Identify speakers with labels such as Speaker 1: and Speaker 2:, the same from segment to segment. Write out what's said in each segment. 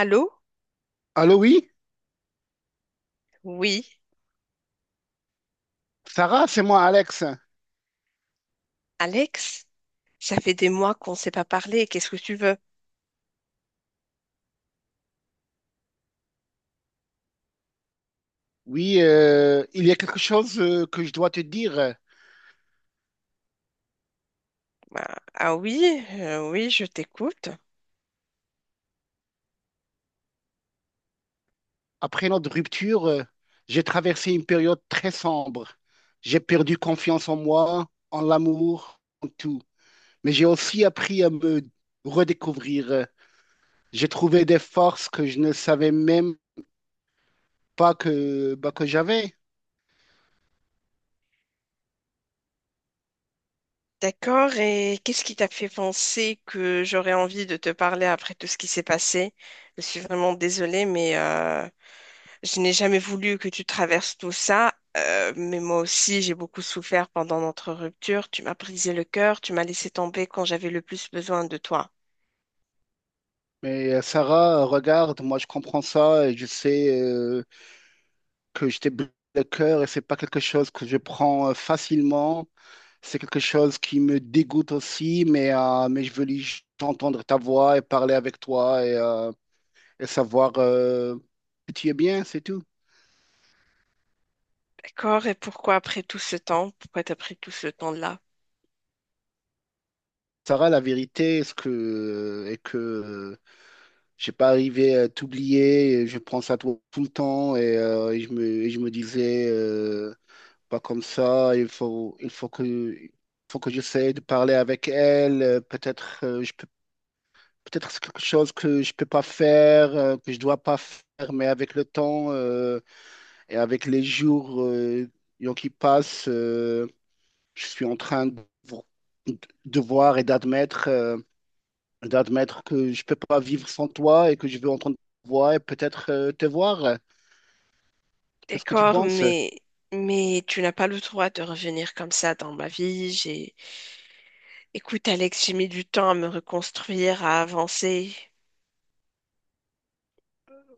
Speaker 1: Allô?
Speaker 2: Allô, oui,
Speaker 1: Oui,
Speaker 2: Sarah, c'est moi, Alex.
Speaker 1: Alex, ça fait des mois qu'on ne s'est pas parlé. Qu'est-ce que tu veux?
Speaker 2: Oui, il y a quelque chose que je dois te dire.
Speaker 1: Bah, ah oui, oui, je t'écoute.
Speaker 2: Après notre rupture, j'ai traversé une période très sombre. J'ai perdu confiance en moi, en l'amour, en tout. Mais j'ai aussi appris à me redécouvrir. J'ai trouvé des forces que je ne savais même pas que, bah, que j'avais.
Speaker 1: D'accord, et qu'est-ce qui t'a fait penser que j'aurais envie de te parler après tout ce qui s'est passé? Je suis vraiment désolée, mais je n'ai jamais voulu que tu traverses tout ça. Mais moi aussi, j'ai beaucoup souffert pendant notre rupture. Tu m'as brisé le cœur, tu m'as laissé tomber quand j'avais le plus besoin de toi.
Speaker 2: Mais Sarah, regarde, moi je comprends ça et je sais que je t'ai brisé le cœur et c'est pas quelque chose que je prends facilement. C'est quelque chose qui me dégoûte aussi, mais je veux juste entendre ta voix et parler avec toi et savoir que tu es bien, c'est tout.
Speaker 1: D'accord, et pourquoi après tout ce temps? Pourquoi t'as pris tout ce temps-là?
Speaker 2: Sarah, la vérité est que j'ai pas arrivé à t'oublier, et je pense à toi tout le temps et et je me disais, pas comme ça, il faut que j'essaie de parler avec elle, peut-être je peux. Peut-être c'est quelque chose que je peux pas faire, que je dois pas faire, mais avec le temps et avec les jours qui passent, je suis en train de, de voir et d'admettre d'admettre que je peux pas vivre sans toi et que je veux entendre ta voix et peut-être te voir. Qu'est-ce que tu
Speaker 1: D'accord,
Speaker 2: penses?
Speaker 1: mais tu n'as pas le droit de revenir comme ça dans ma vie. Écoute Alex, j'ai mis du temps à me reconstruire, à avancer.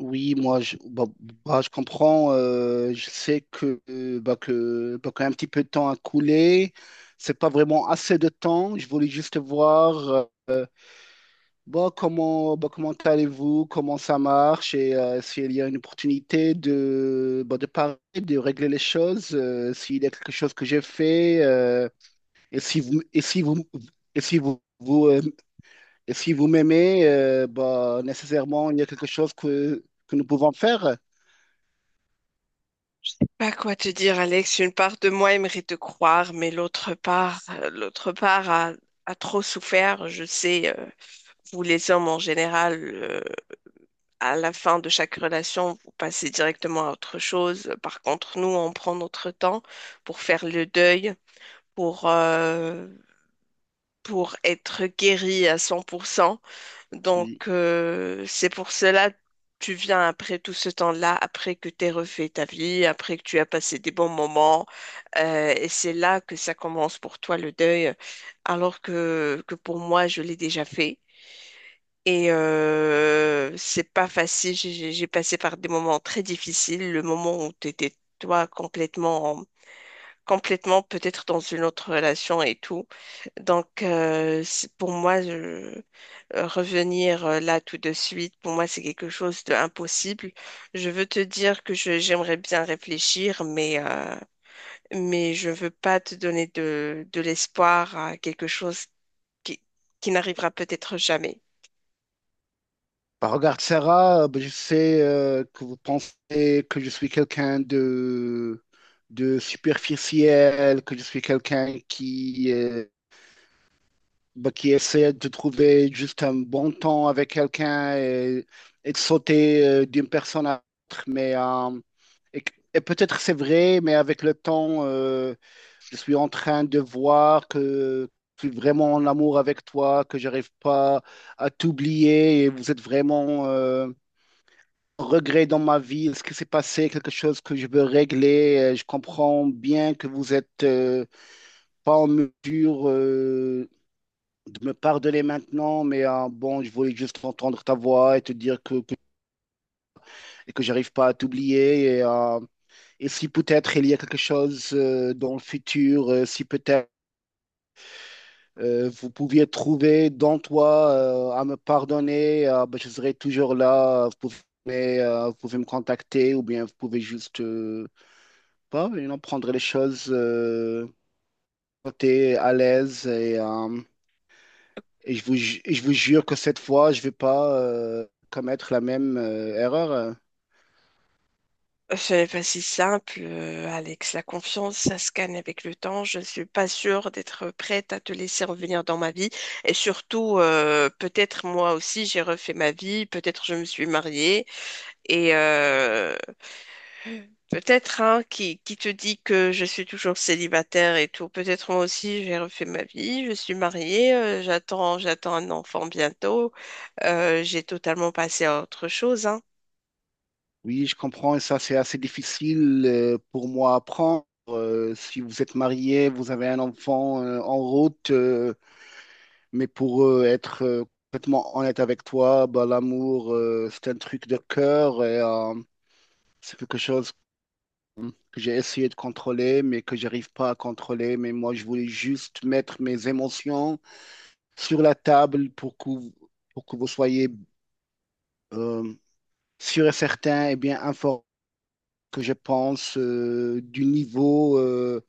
Speaker 2: Oui, moi, je, bah, bah, je comprends. Je sais que, bah, qu'un petit peu de temps a coulé. C'est pas vraiment assez de temps. Je voulais juste voir bah, comment allez-vous, comment ça marche et s'il y a une opportunité de, bah, de parler, de régler les choses, s'il y a quelque chose que j'ai fait et si vous, et si vous, et si vous, vous, et si vous m'aimez, bah, nécessairement, il y a quelque chose que nous pouvons faire.
Speaker 1: Pas quoi te dire, Alex. Une part de moi aimerait te croire, mais l'autre part, a trop souffert. Je sais, vous les hommes en général. À la fin de chaque relation, vous passez directement à autre chose. Par contre, nous, on prend notre temps pour faire le deuil, pour, euh, pour être guéri à 100%. Donc,
Speaker 2: Oui.
Speaker 1: c'est pour cela tu viens après tout ce temps-là, après que tu aies refait ta vie, après que tu as passé des bons moments. Et c'est là que ça commence pour toi le deuil, alors que pour moi, je l'ai déjà fait. Et c'est pas facile. J'ai passé par des moments très difficiles. Le moment où tu étais, toi, complètement, complètement peut-être dans une autre relation et tout. Donc, pour moi, revenir là tout de suite, pour moi, c'est quelque chose d'impossible. Je veux te dire que j'aimerais bien réfléchir, mais je veux pas te donner de l'espoir à quelque chose qui, qui n'arrivera peut-être jamais.
Speaker 2: Bah, regarde, Sarah, bah, je sais que vous pensez que je suis quelqu'un de superficiel, que je suis quelqu'un qui, bah, qui essaie de trouver juste un bon temps avec quelqu'un et de sauter d'une personne à l'autre. Mais, et peut-être c'est vrai, mais avec le temps, je suis en train de voir que je suis vraiment en amour avec toi, que j'arrive pas à t'oublier et vous êtes vraiment... regrets dans ma vie? Est-ce que c'est passé quelque chose que je veux régler? Je comprends bien que vous êtes pas en mesure de me pardonner maintenant, mais bon, je voulais juste entendre ta voix et te dire que, et que j'arrive pas à t'oublier. Et si peut-être il y a quelque chose dans le futur, si peut-être vous pouviez trouver dans toi à me pardonner, ben, je serai toujours là. Vous pouvez me contacter ou bien vous pouvez juste... pas, et on prendrait les choses côté à l'aise et, et je vous jure que cette fois, je vais pas commettre la même erreur.
Speaker 1: C'est pas si simple, Alex. La confiance, ça se gagne avec le temps. Je ne suis pas sûre d'être prête à te laisser revenir dans ma vie. Et surtout, peut-être moi aussi, j'ai refait ma vie. Peut-être je me suis mariée. Et peut-être, hein, qui te dit que je suis toujours célibataire et tout. Peut-être moi aussi, j'ai refait ma vie. Je suis mariée. J'attends un enfant bientôt. J'ai totalement passé à autre chose, hein.
Speaker 2: Oui, je comprends et ça, c'est assez difficile pour moi à apprendre. Si vous êtes marié, vous avez un enfant en route, mais pour eux, être complètement honnête avec toi, bah, l'amour, c'est un truc de cœur et c'est quelque chose que j'ai essayé de contrôler, mais que j'arrive pas à contrôler. Mais moi, je voulais juste mettre mes émotions sur la table pour que vous soyez euh, sûr et certain et bien informé que je pense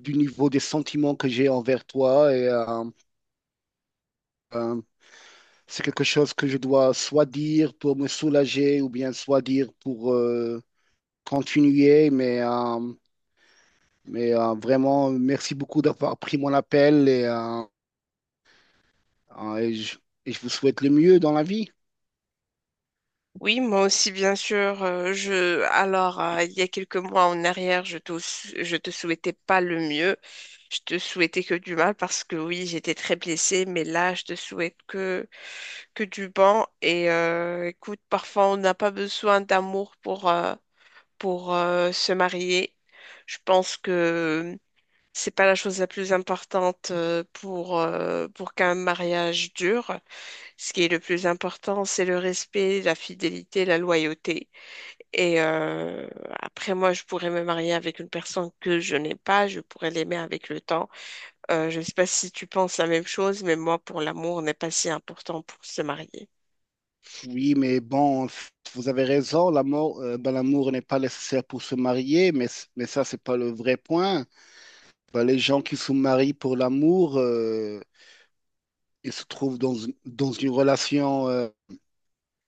Speaker 2: du niveau des sentiments que j'ai envers toi. Et euh, c'est quelque chose que je dois soit dire pour me soulager ou bien soit dire pour continuer. Mais, vraiment, merci beaucoup d'avoir pris mon appel et Ah, et je, et je vous souhaite le mieux dans la vie.
Speaker 1: Oui, moi aussi, bien sûr. Alors, il y a quelques mois en arrière, je te souhaitais pas le mieux. Je te souhaitais que du mal parce que oui, j'étais très blessée, mais là, je te souhaite que du bon. Et écoute, parfois, on n'a pas besoin d'amour pour se marier. Je pense que c'est pas la chose la plus importante pour qu'un mariage dure. Ce qui est le plus important, c'est le respect, la fidélité, la loyauté. Et après, moi, je pourrais me marier avec une personne que je n'ai pas, je pourrais l'aimer avec le temps. Je ne sais pas si tu penses la même chose, mais moi, pour l'amour, n'est pas si important pour se marier.
Speaker 2: Oui, mais bon, vous avez raison, l'amour, ben, l'amour n'est pas nécessaire pour se marier, mais, mais ça, c'est pas le vrai point. Ben, les gens qui se marient pour l'amour, ils se trouvent dans, dans une relation,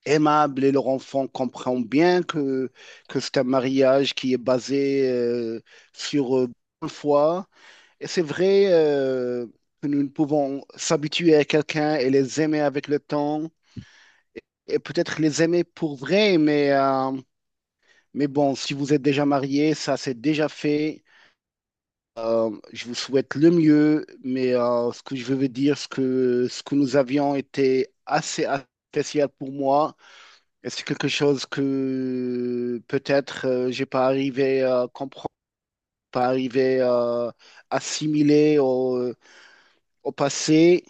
Speaker 2: aimable et leur enfant comprend bien que c'est un mariage qui est basé, sur bonne foi. Et c'est vrai, que nous ne pouvons s'habituer à quelqu'un et les aimer avec le temps, et peut-être les aimer pour vrai, mais bon, si vous êtes déjà marié, ça c'est déjà fait. Je vous souhaite le mieux, mais ce que je veux vous dire, ce que nous avions était assez spécial pour moi. Et c'est quelque chose que peut-être j'ai pas arrivé à comprendre, pas arrivé à assimiler au passé,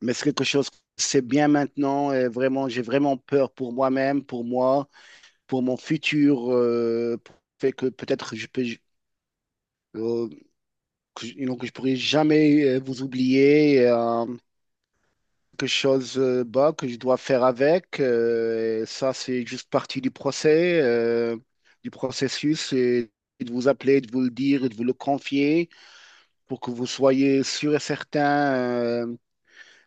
Speaker 2: mais c'est quelque chose que c'est bien maintenant et vraiment, j'ai vraiment peur pour moi-même, pour moi, pour mon futur, fait que peut-être je peux, euh, que, je donc, je pourrais jamais vous oublier. Euh, quelque chose bah, que je dois faire avec. Euh, et ça, c'est juste partie du procès, du processus, et de vous appeler, de vous le dire, et de vous le confier pour que vous soyez sûr et certain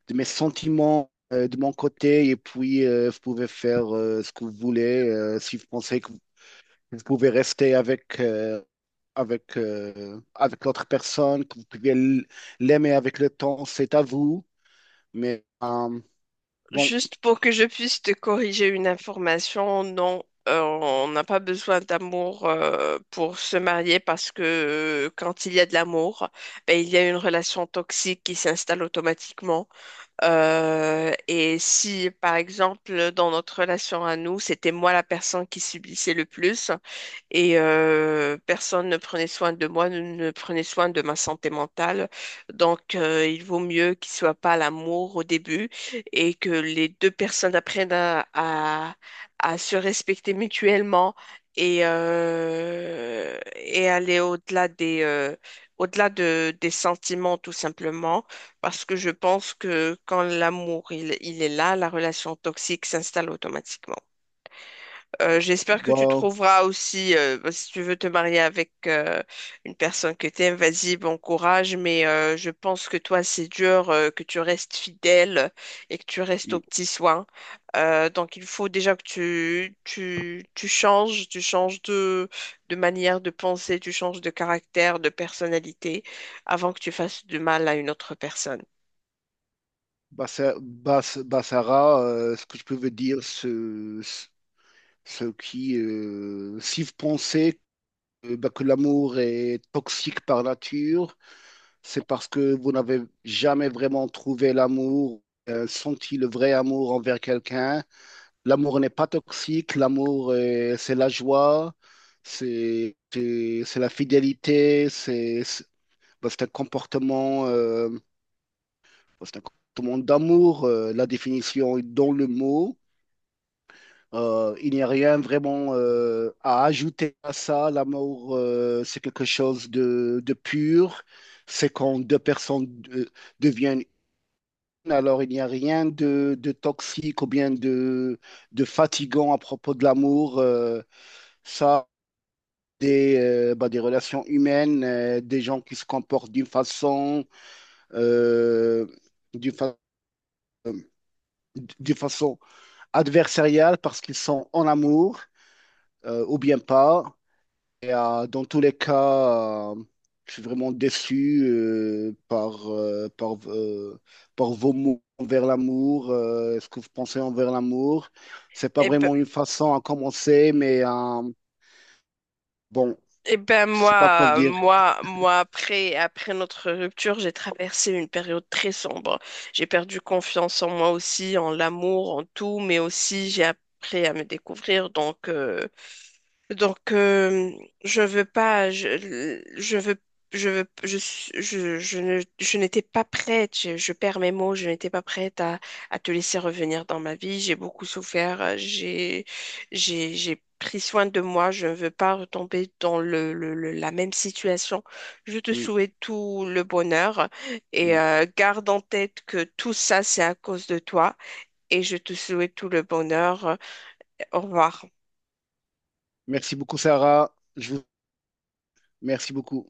Speaker 2: de mes sentiments de mon côté. Et puis, vous pouvez faire ce que vous voulez si vous pensez que vous pouvez rester avec, avec l'autre personne, que vous pouvez l'aimer avec le temps, c'est à vous. Mais bon,
Speaker 1: Juste pour que je puisse te corriger une information, non, on n'a pas besoin d'amour pour se marier parce que quand il y a de l'amour, ben, il y a une relation toxique qui s'installe automatiquement. Et si, par exemple, dans notre relation à nous, c'était moi la personne qui subissait le plus, et personne ne prenait soin de moi, ne prenait soin de ma santé mentale. Donc, il vaut mieux qu'il soit pas à l'amour au début et que les deux personnes apprennent à se respecter mutuellement et aller au-delà au-delà de, des sentiments, tout simplement, parce que je pense que quand l'amour, il est là, la relation toxique s'installe automatiquement. J'espère que tu
Speaker 2: bah,
Speaker 1: trouveras aussi, bah, si tu veux te marier avec une personne que tu aimes, vas-y, bon courage, mais je pense que toi, c'est dur que tu restes fidèle et que tu restes aux
Speaker 2: oui.
Speaker 1: petits soins. Donc, il faut déjà que tu changes de manière de penser, tu changes de caractère, de personnalité, avant que tu fasses du mal à une autre personne.
Speaker 2: Sarah, ce que je peux vous dire, si vous pensez bah, que l'amour est toxique par nature, c'est parce que vous n'avez jamais vraiment trouvé l'amour, senti le vrai amour envers quelqu'un. L'amour n'est pas toxique, l'amour, c'est la joie, c'est la fidélité, c'est un comportement, c'est un comportement d'amour, la définition est dans le mot. Il n'y a rien vraiment à ajouter à ça. L'amour, c'est quelque chose de pur. C'est quand deux personnes deviennent une, alors il n'y a rien de, de toxique ou bien de fatigant à propos de l'amour. Ça, des, bah, des relations humaines, des gens qui se comportent d'une façon, euh, d'une fa- d'une façon adversariale parce qu'ils sont en amour, ou bien pas. Et, dans tous les cas, je suis vraiment déçu par vos mots envers l'amour, ce que vous pensez envers l'amour. C'est pas
Speaker 1: Eh ben,
Speaker 2: vraiment une façon à commencer, mais bon,
Speaker 1: eh ben
Speaker 2: je sais pas quoi vous dire.
Speaker 1: moi, après, après notre rupture, j'ai traversé une période très sombre. J'ai perdu confiance en moi aussi, en l'amour, en tout, mais aussi j'ai appris à me découvrir. Donc, je veux pas, je, je veux, je veux, je, je ne, je n'étais pas prête, je perds mes mots, je n'étais pas prête à te laisser revenir dans ma vie. J'ai beaucoup souffert, j'ai pris soin de moi, je ne veux pas retomber dans la même situation. Je te
Speaker 2: Oui,
Speaker 1: souhaite tout le bonheur et
Speaker 2: oui.
Speaker 1: garde en tête que tout ça, c'est à cause de toi et je te souhaite tout le bonheur. Au revoir.
Speaker 2: Merci beaucoup, Sarah. Je vous... Merci beaucoup.